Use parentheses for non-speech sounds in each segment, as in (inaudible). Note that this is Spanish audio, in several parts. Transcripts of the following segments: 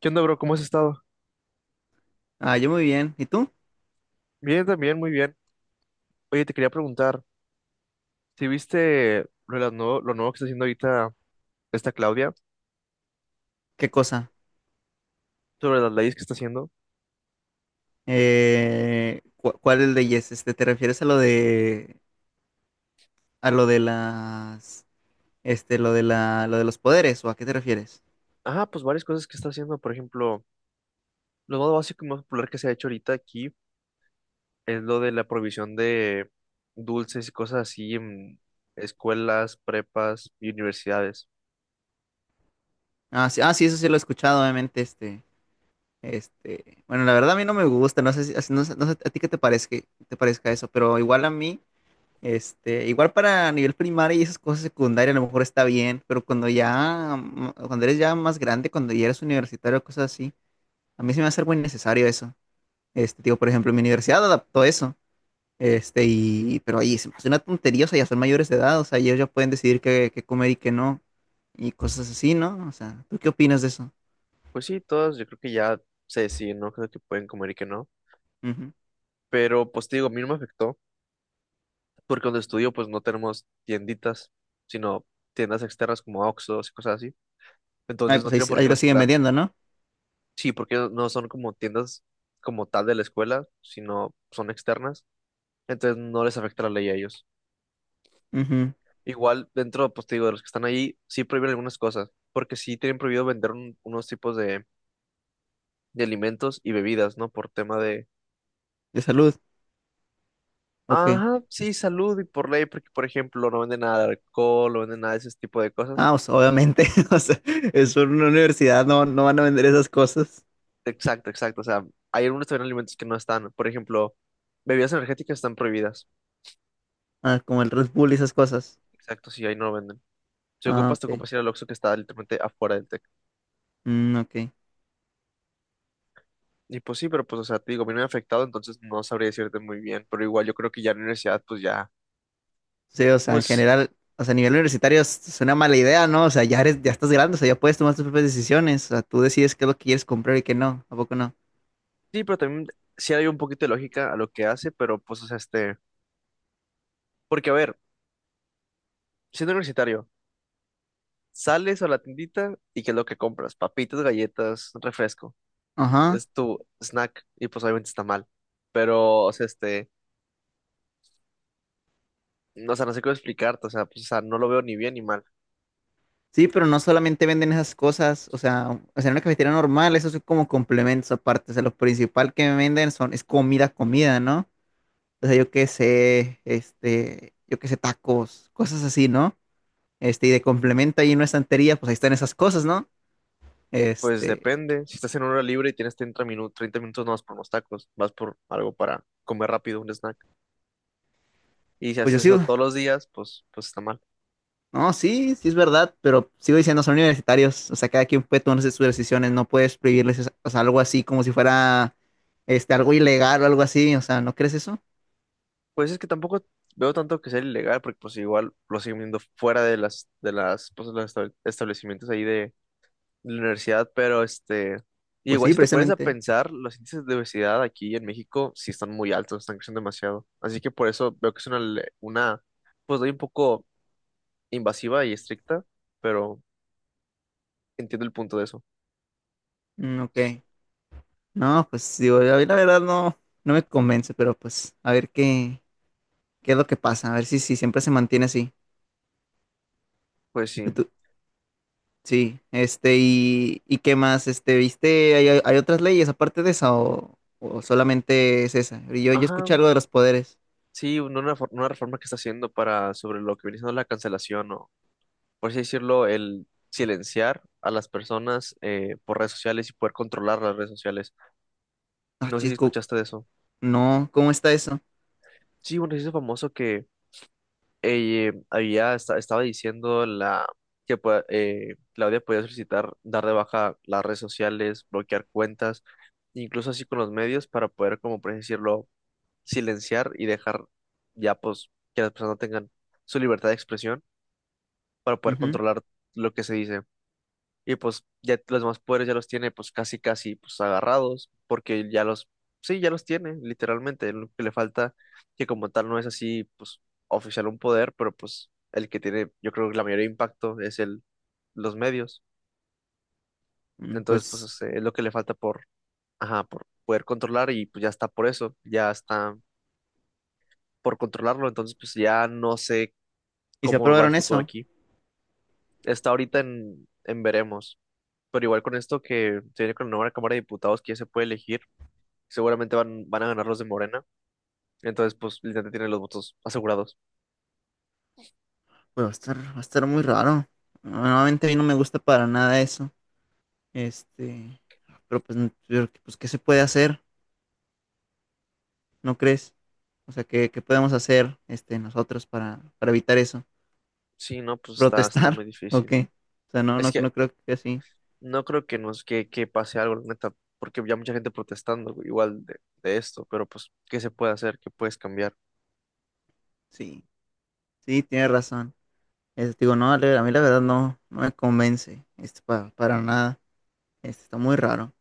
¿Qué onda, bro? ¿Cómo has estado? Ah, yo muy bien. ¿Y tú? Bien, también, muy bien. Oye, te quería preguntar si viste lo nuevo que está haciendo ahorita esta Claudia ¿Qué cosa? sobre las leyes que está haciendo. ¿Cuál leyes? ¿Te refieres a lo de las lo de los poderes o a qué te refieres? Ah, pues varias cosas que está haciendo. Por ejemplo, lo más básico y más popular que se ha hecho ahorita aquí es lo de la prohibición de dulces y cosas así en escuelas, prepas y universidades. Ah, sí, ah, sí, eso sí lo he escuchado, obviamente, bueno, la verdad a mí no me gusta, no, sé no sé a ti qué te parezca eso, pero igual a mí igual para nivel primario y esas cosas secundarias a lo mejor está bien, pero cuando eres ya más grande, cuando ya eres universitario, cosas así, a mí se me hace algo innecesario eso. Digo, por ejemplo, mi universidad adaptó eso. Pero ahí se me hace una tontería, o sea, ya son mayores de edad, o sea, ellos ya pueden decidir qué, qué comer y qué no, y cosas así, ¿no? O sea, ¿tú qué opinas de eso? Pues sí, todas yo creo que ya se deciden, ¿no? Creo que pueden comer y que no. Ujú. Pero pues te digo, a mí no me afectó porque donde estudio pues no tenemos tienditas, sino tiendas externas como Oxxos y cosas así. Ay, Entonces no tiene pues ahí, por ahí qué lo siguen respetar. vendiendo, ¿no? Sí, porque no son como tiendas como tal de la escuela, sino son externas. Entonces no les afecta la ley a ellos. Ujú. Igual dentro, pues te digo, de los que están ahí, sí prohíben algunas cosas, porque sí tienen prohibido vender unos tipos de alimentos y bebidas, ¿no? Por tema de, De salud, ok. ajá, sí, salud y por ley, porque por ejemplo no venden nada de alcohol, no venden nada de ese tipo de cosas. Ah, o sea, obviamente, (laughs) o sea, es una universidad, no, no van a vender esas cosas. Exacto, exacto. O sea, hay algunos también alimentos que no están. Por ejemplo, bebidas energéticas están prohibidas. Ah, como el Red Bull y esas cosas. Exacto, sí, ahí no lo venden. Si Ah, ocupas, te ok. ocupas ir al Oxxo que está literalmente afuera del TEC. Mm, ok. Y pues sí, pero pues, o sea, te digo, a mí no me ha afectado, entonces no sabría decirte muy bien. Pero igual yo creo que ya en la universidad, pues ya, Sí, o sea, en pues general, o sea, a nivel universitario es una mala idea, ¿no? O sea, ya eres, ya estás grande, o sea, ya puedes tomar tus propias decisiones, o sea, tú decides qué es lo que quieres comprar y qué no, ¿a poco no? sí, pero también sí hay un poquito de lógica a lo que hace, pero pues, o sea, este, porque a ver, siendo universitario, sales a la tiendita y ¿qué es lo que compras? Papitas, galletas, refresco. Ajá. Es tu snack y pues obviamente está mal. Pero, o sea, este, no, o sea, no sé cómo explicarte, o sea, pues, o sea, no lo veo ni bien ni mal. Sí, pero no solamente venden esas cosas, o sea, en una cafetería normal, eso es como complementos aparte, o sea, lo principal que venden es comida, comida, ¿no? O sea, yo qué sé, yo qué sé, tacos, cosas así, ¿no? Y de complemento ahí en una estantería, pues ahí están esas cosas, ¿no? Pues Este, depende, si estás en hora libre y tienes 30 minutos, 30 minutos no vas por unos tacos, vas por algo para comer rápido, un snack. Y si pues yo haces eso sigo. todos los días, pues, pues está mal. No, sí, sí es verdad, pero sigo diciendo, son universitarios, o sea, cada quien puede tomar sus decisiones, no puedes o sea, algo así como si fuera algo ilegal o algo así, o sea, ¿no crees eso? Pues es que tampoco veo tanto que sea ilegal, porque pues igual lo siguen viendo fuera de pues, los establecimientos ahí de la universidad, pero este, y Pues igual sí, si te pones a precisamente. pensar, los índices de obesidad aquí en México sí están muy altos, están creciendo demasiado. Así que por eso veo que es una pues doy un poco invasiva y estricta, pero entiendo el punto de eso. Mm, ok. No, pues digo, a mí la verdad no, no me convence, pero pues a ver qué es lo que pasa, a ver si, si siempre se mantiene así. Pues sí, Y tú, sí, y qué más, ¿viste? ¿Hay, hay otras leyes aparte de esa o solamente es esa? Yo ajá, escuché algo de los poderes. sí, una reforma que está haciendo para sobre lo que viene siendo la cancelación o, por así decirlo, el silenciar a las personas por redes sociales y poder controlar las redes sociales. Ah, No sé si chisco. escuchaste de eso. No, ¿cómo está eso? Sí, un ejercicio famoso que había estaba diciendo la Claudia podía solicitar dar de baja las redes sociales, bloquear cuentas incluso así con los medios para poder, como por así decirlo, silenciar y dejar ya pues que las personas tengan su libertad de expresión para poder Ujú, controlar lo que se dice. Y pues ya los más poderes ya los tiene pues casi casi pues agarrados porque sí, ya los tiene literalmente. Lo que le falta que como tal no es así pues oficial un poder, pero pues el que tiene yo creo que la mayor impacto es el, los medios. mm, Entonces pues pues, es lo que le falta por, ajá, por poder controlar y pues ya está por eso, ya está por controlarlo. Entonces pues ya no sé ¿y se cómo va el aprobaron futuro eso? aquí. Está ahorita en, veremos, pero igual con esto que se viene con la nueva Cámara de Diputados que ya se puede elegir, seguramente van a ganar los de Morena, entonces pues literalmente tienen los votos asegurados. Pues va a estar muy raro. Normalmente a mí no me gusta para nada eso. Este, pero pues, pues ¿qué se puede hacer? ¿No crees? O sea, ¿qué, qué podemos hacer nosotros para evitar eso? Sí, no, pues está muy ¿Protestar? (laughs) ¿O difícil. qué? O sea, no, Es no, que no creo que así. no creo que pase algo, la neta, porque ya mucha gente protestando güey, igual de esto, pero pues, ¿qué se puede hacer? ¿Qué puedes cambiar? Sí, sí, tienes razón. Digo, no, Ale, a mí la verdad no, no me convence para nada. Está muy raro.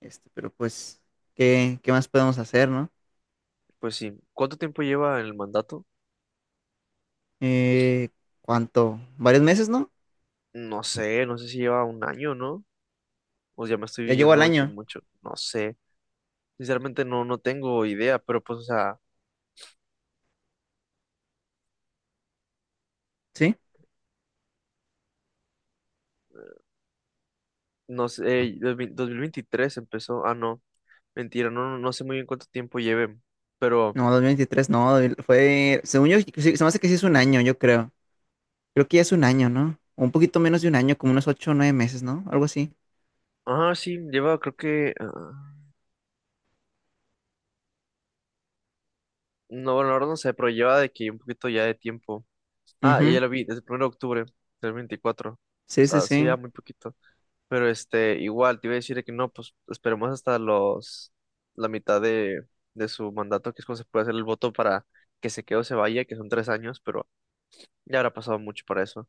Pero pues, ¿qué, qué más podemos hacer, no? Pues sí, ¿cuánto tiempo lleva el mandato? Eh, ¿Cuánto? ¿Varios meses, no? No sé, no sé si lleva un año, ¿no? Pues ya me estoy Ya llegó al viendo de que año, mucho, no sé. Sinceramente no tengo idea, pero pues, o sea, ¿sí? no sé, 2023 empezó, ah, no, mentira, no sé muy bien cuánto tiempo lleve, pero, No, 2023, no, fue, según yo, sí, se me hace que sí es un año, yo creo. Creo que ya es un año, ¿no? O un poquito menos de un año, como unos ocho o nueve meses, ¿no? Algo así. ah, sí, lleva, creo que, no, bueno, ahora no sé, pero lleva de que un poquito ya de tiempo. Ah, ya Ujú. la vi, desde el 1 de octubre del 24. O Sí, sí, sea, sí, ya sí. muy poquito, pero este, igual, te iba a decir de que no, pues, esperemos hasta los, la mitad de su mandato, que es cuando se puede hacer el voto para que se quede o se vaya, que son 3 años, pero ya habrá pasado mucho para eso.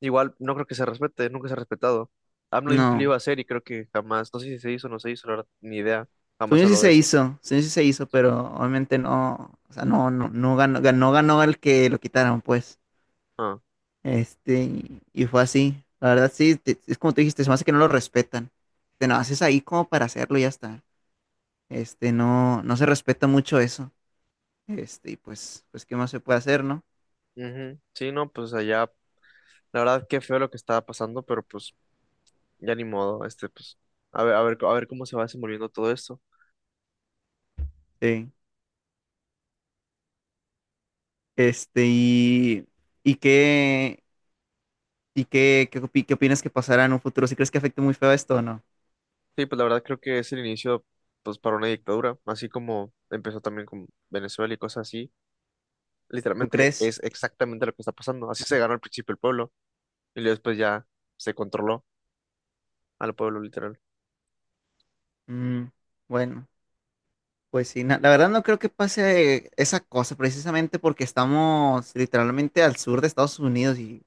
Igual no creo que se respete, nunca se ha respetado. AMLO dijo que lo iba No. a hacer y creo que jamás, no sé si se hizo o no se hizo, la verdad, ni idea. Jamás Según yo sí habló de se eso. hizo, según yo sí se hizo, pero obviamente no, o sea, no, no, ganó el que lo quitaron, pues. Ah, Este, y fue así. La verdad, sí, es como tú dijiste, se me hace que no lo respetan. Te lo haces ahí como para hacerlo y ya está. No, no se respeta mucho eso. Y pues, pues, ¿qué más se puede hacer, no? ujú. Sí, no, pues allá, la verdad, qué feo lo que estaba pasando, pero pues ya ni modo, este, pues, a ver, a ver, a ver cómo se va desenvolviendo todo esto. Sí. Este, y, y qué, ¿qué opinas que pasará en un futuro? ¿Si crees que afecte muy feo esto o no? Sí, pues la verdad creo que es el inicio, pues, para una dictadura, así como empezó también con Venezuela y cosas así. ¿Tú Literalmente crees? es exactamente lo que está pasando. Así se ganó al principio el pueblo y luego después ya se controló al pueblo, literal. Mm, bueno, pues sí, la verdad no creo que pase esa cosa, precisamente porque estamos literalmente al sur de Estados Unidos y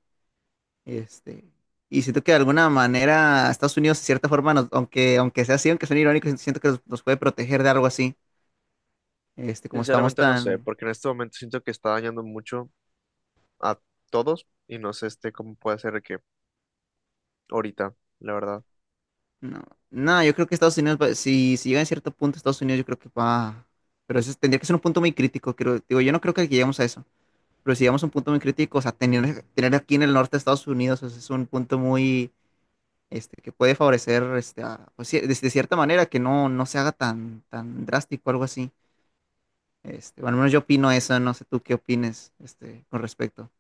Este, y siento que de alguna manera Estados Unidos, de cierta forma, aunque, aunque sea así, aunque suene irónico, siento que nos, nos puede proteger de algo así. Como estamos Sinceramente no sé, tan... porque en este momento siento que está dañando mucho a todos y no sé este cómo puede ser que ahorita, la verdad. No, no, yo creo que Estados Unidos, si, si llega a cierto punto Estados Unidos, yo creo que va... Pero eso tendría que ser un punto muy crítico. Creo, digo, yo no creo que lleguemos a eso. Pero si llegamos a un punto muy crítico, o sea, tener aquí en el norte de Estados Unidos, o sea, es un punto muy... que puede favorecer, pues, sí, de cierta manera, que no, no se haga tan, tan drástico, algo así. Bueno, al menos yo opino eso, no sé tú qué opines con respecto.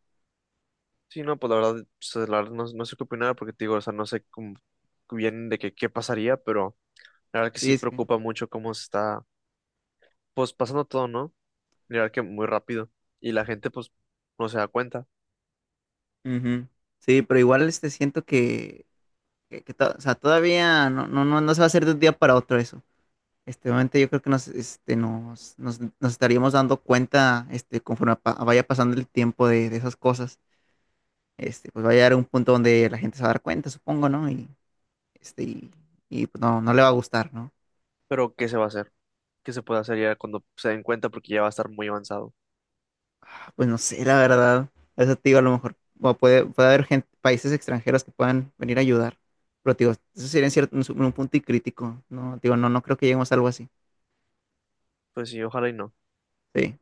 Sí, no, pues, la verdad no, no sé qué opinar porque te digo, o sea, no sé cómo bien de que qué pasaría, pero la verdad que sí Sí, es que. preocupa mucho cómo se está, pues pasando todo, ¿no? La verdad que muy rápido y la gente pues no se da cuenta, Ujú. Sí, pero igual siento que, o sea, todavía no, no, no, no se va a hacer de un día para otro eso. Obviamente yo creo que nos, nos estaríamos dando cuenta conforme vaya pasando el tiempo de esas cosas. Pues va a llegar un punto donde la gente se va a dar cuenta, supongo, ¿no? Este, y, y, pues no, no le va a gustar, ¿no? pero ¿qué se va a hacer? ¿Qué se puede hacer ya cuando se den cuenta porque ya va a estar muy avanzado? Pues no sé, la verdad. Eso te digo, a lo mejor o puede, puede haber gente, países extranjeros que puedan venir a ayudar. Pero te digo, eso sería en cierto, un punto y crítico. No, te digo, no, no creo que lleguemos a algo así. Pues sí, ojalá y no. Sí.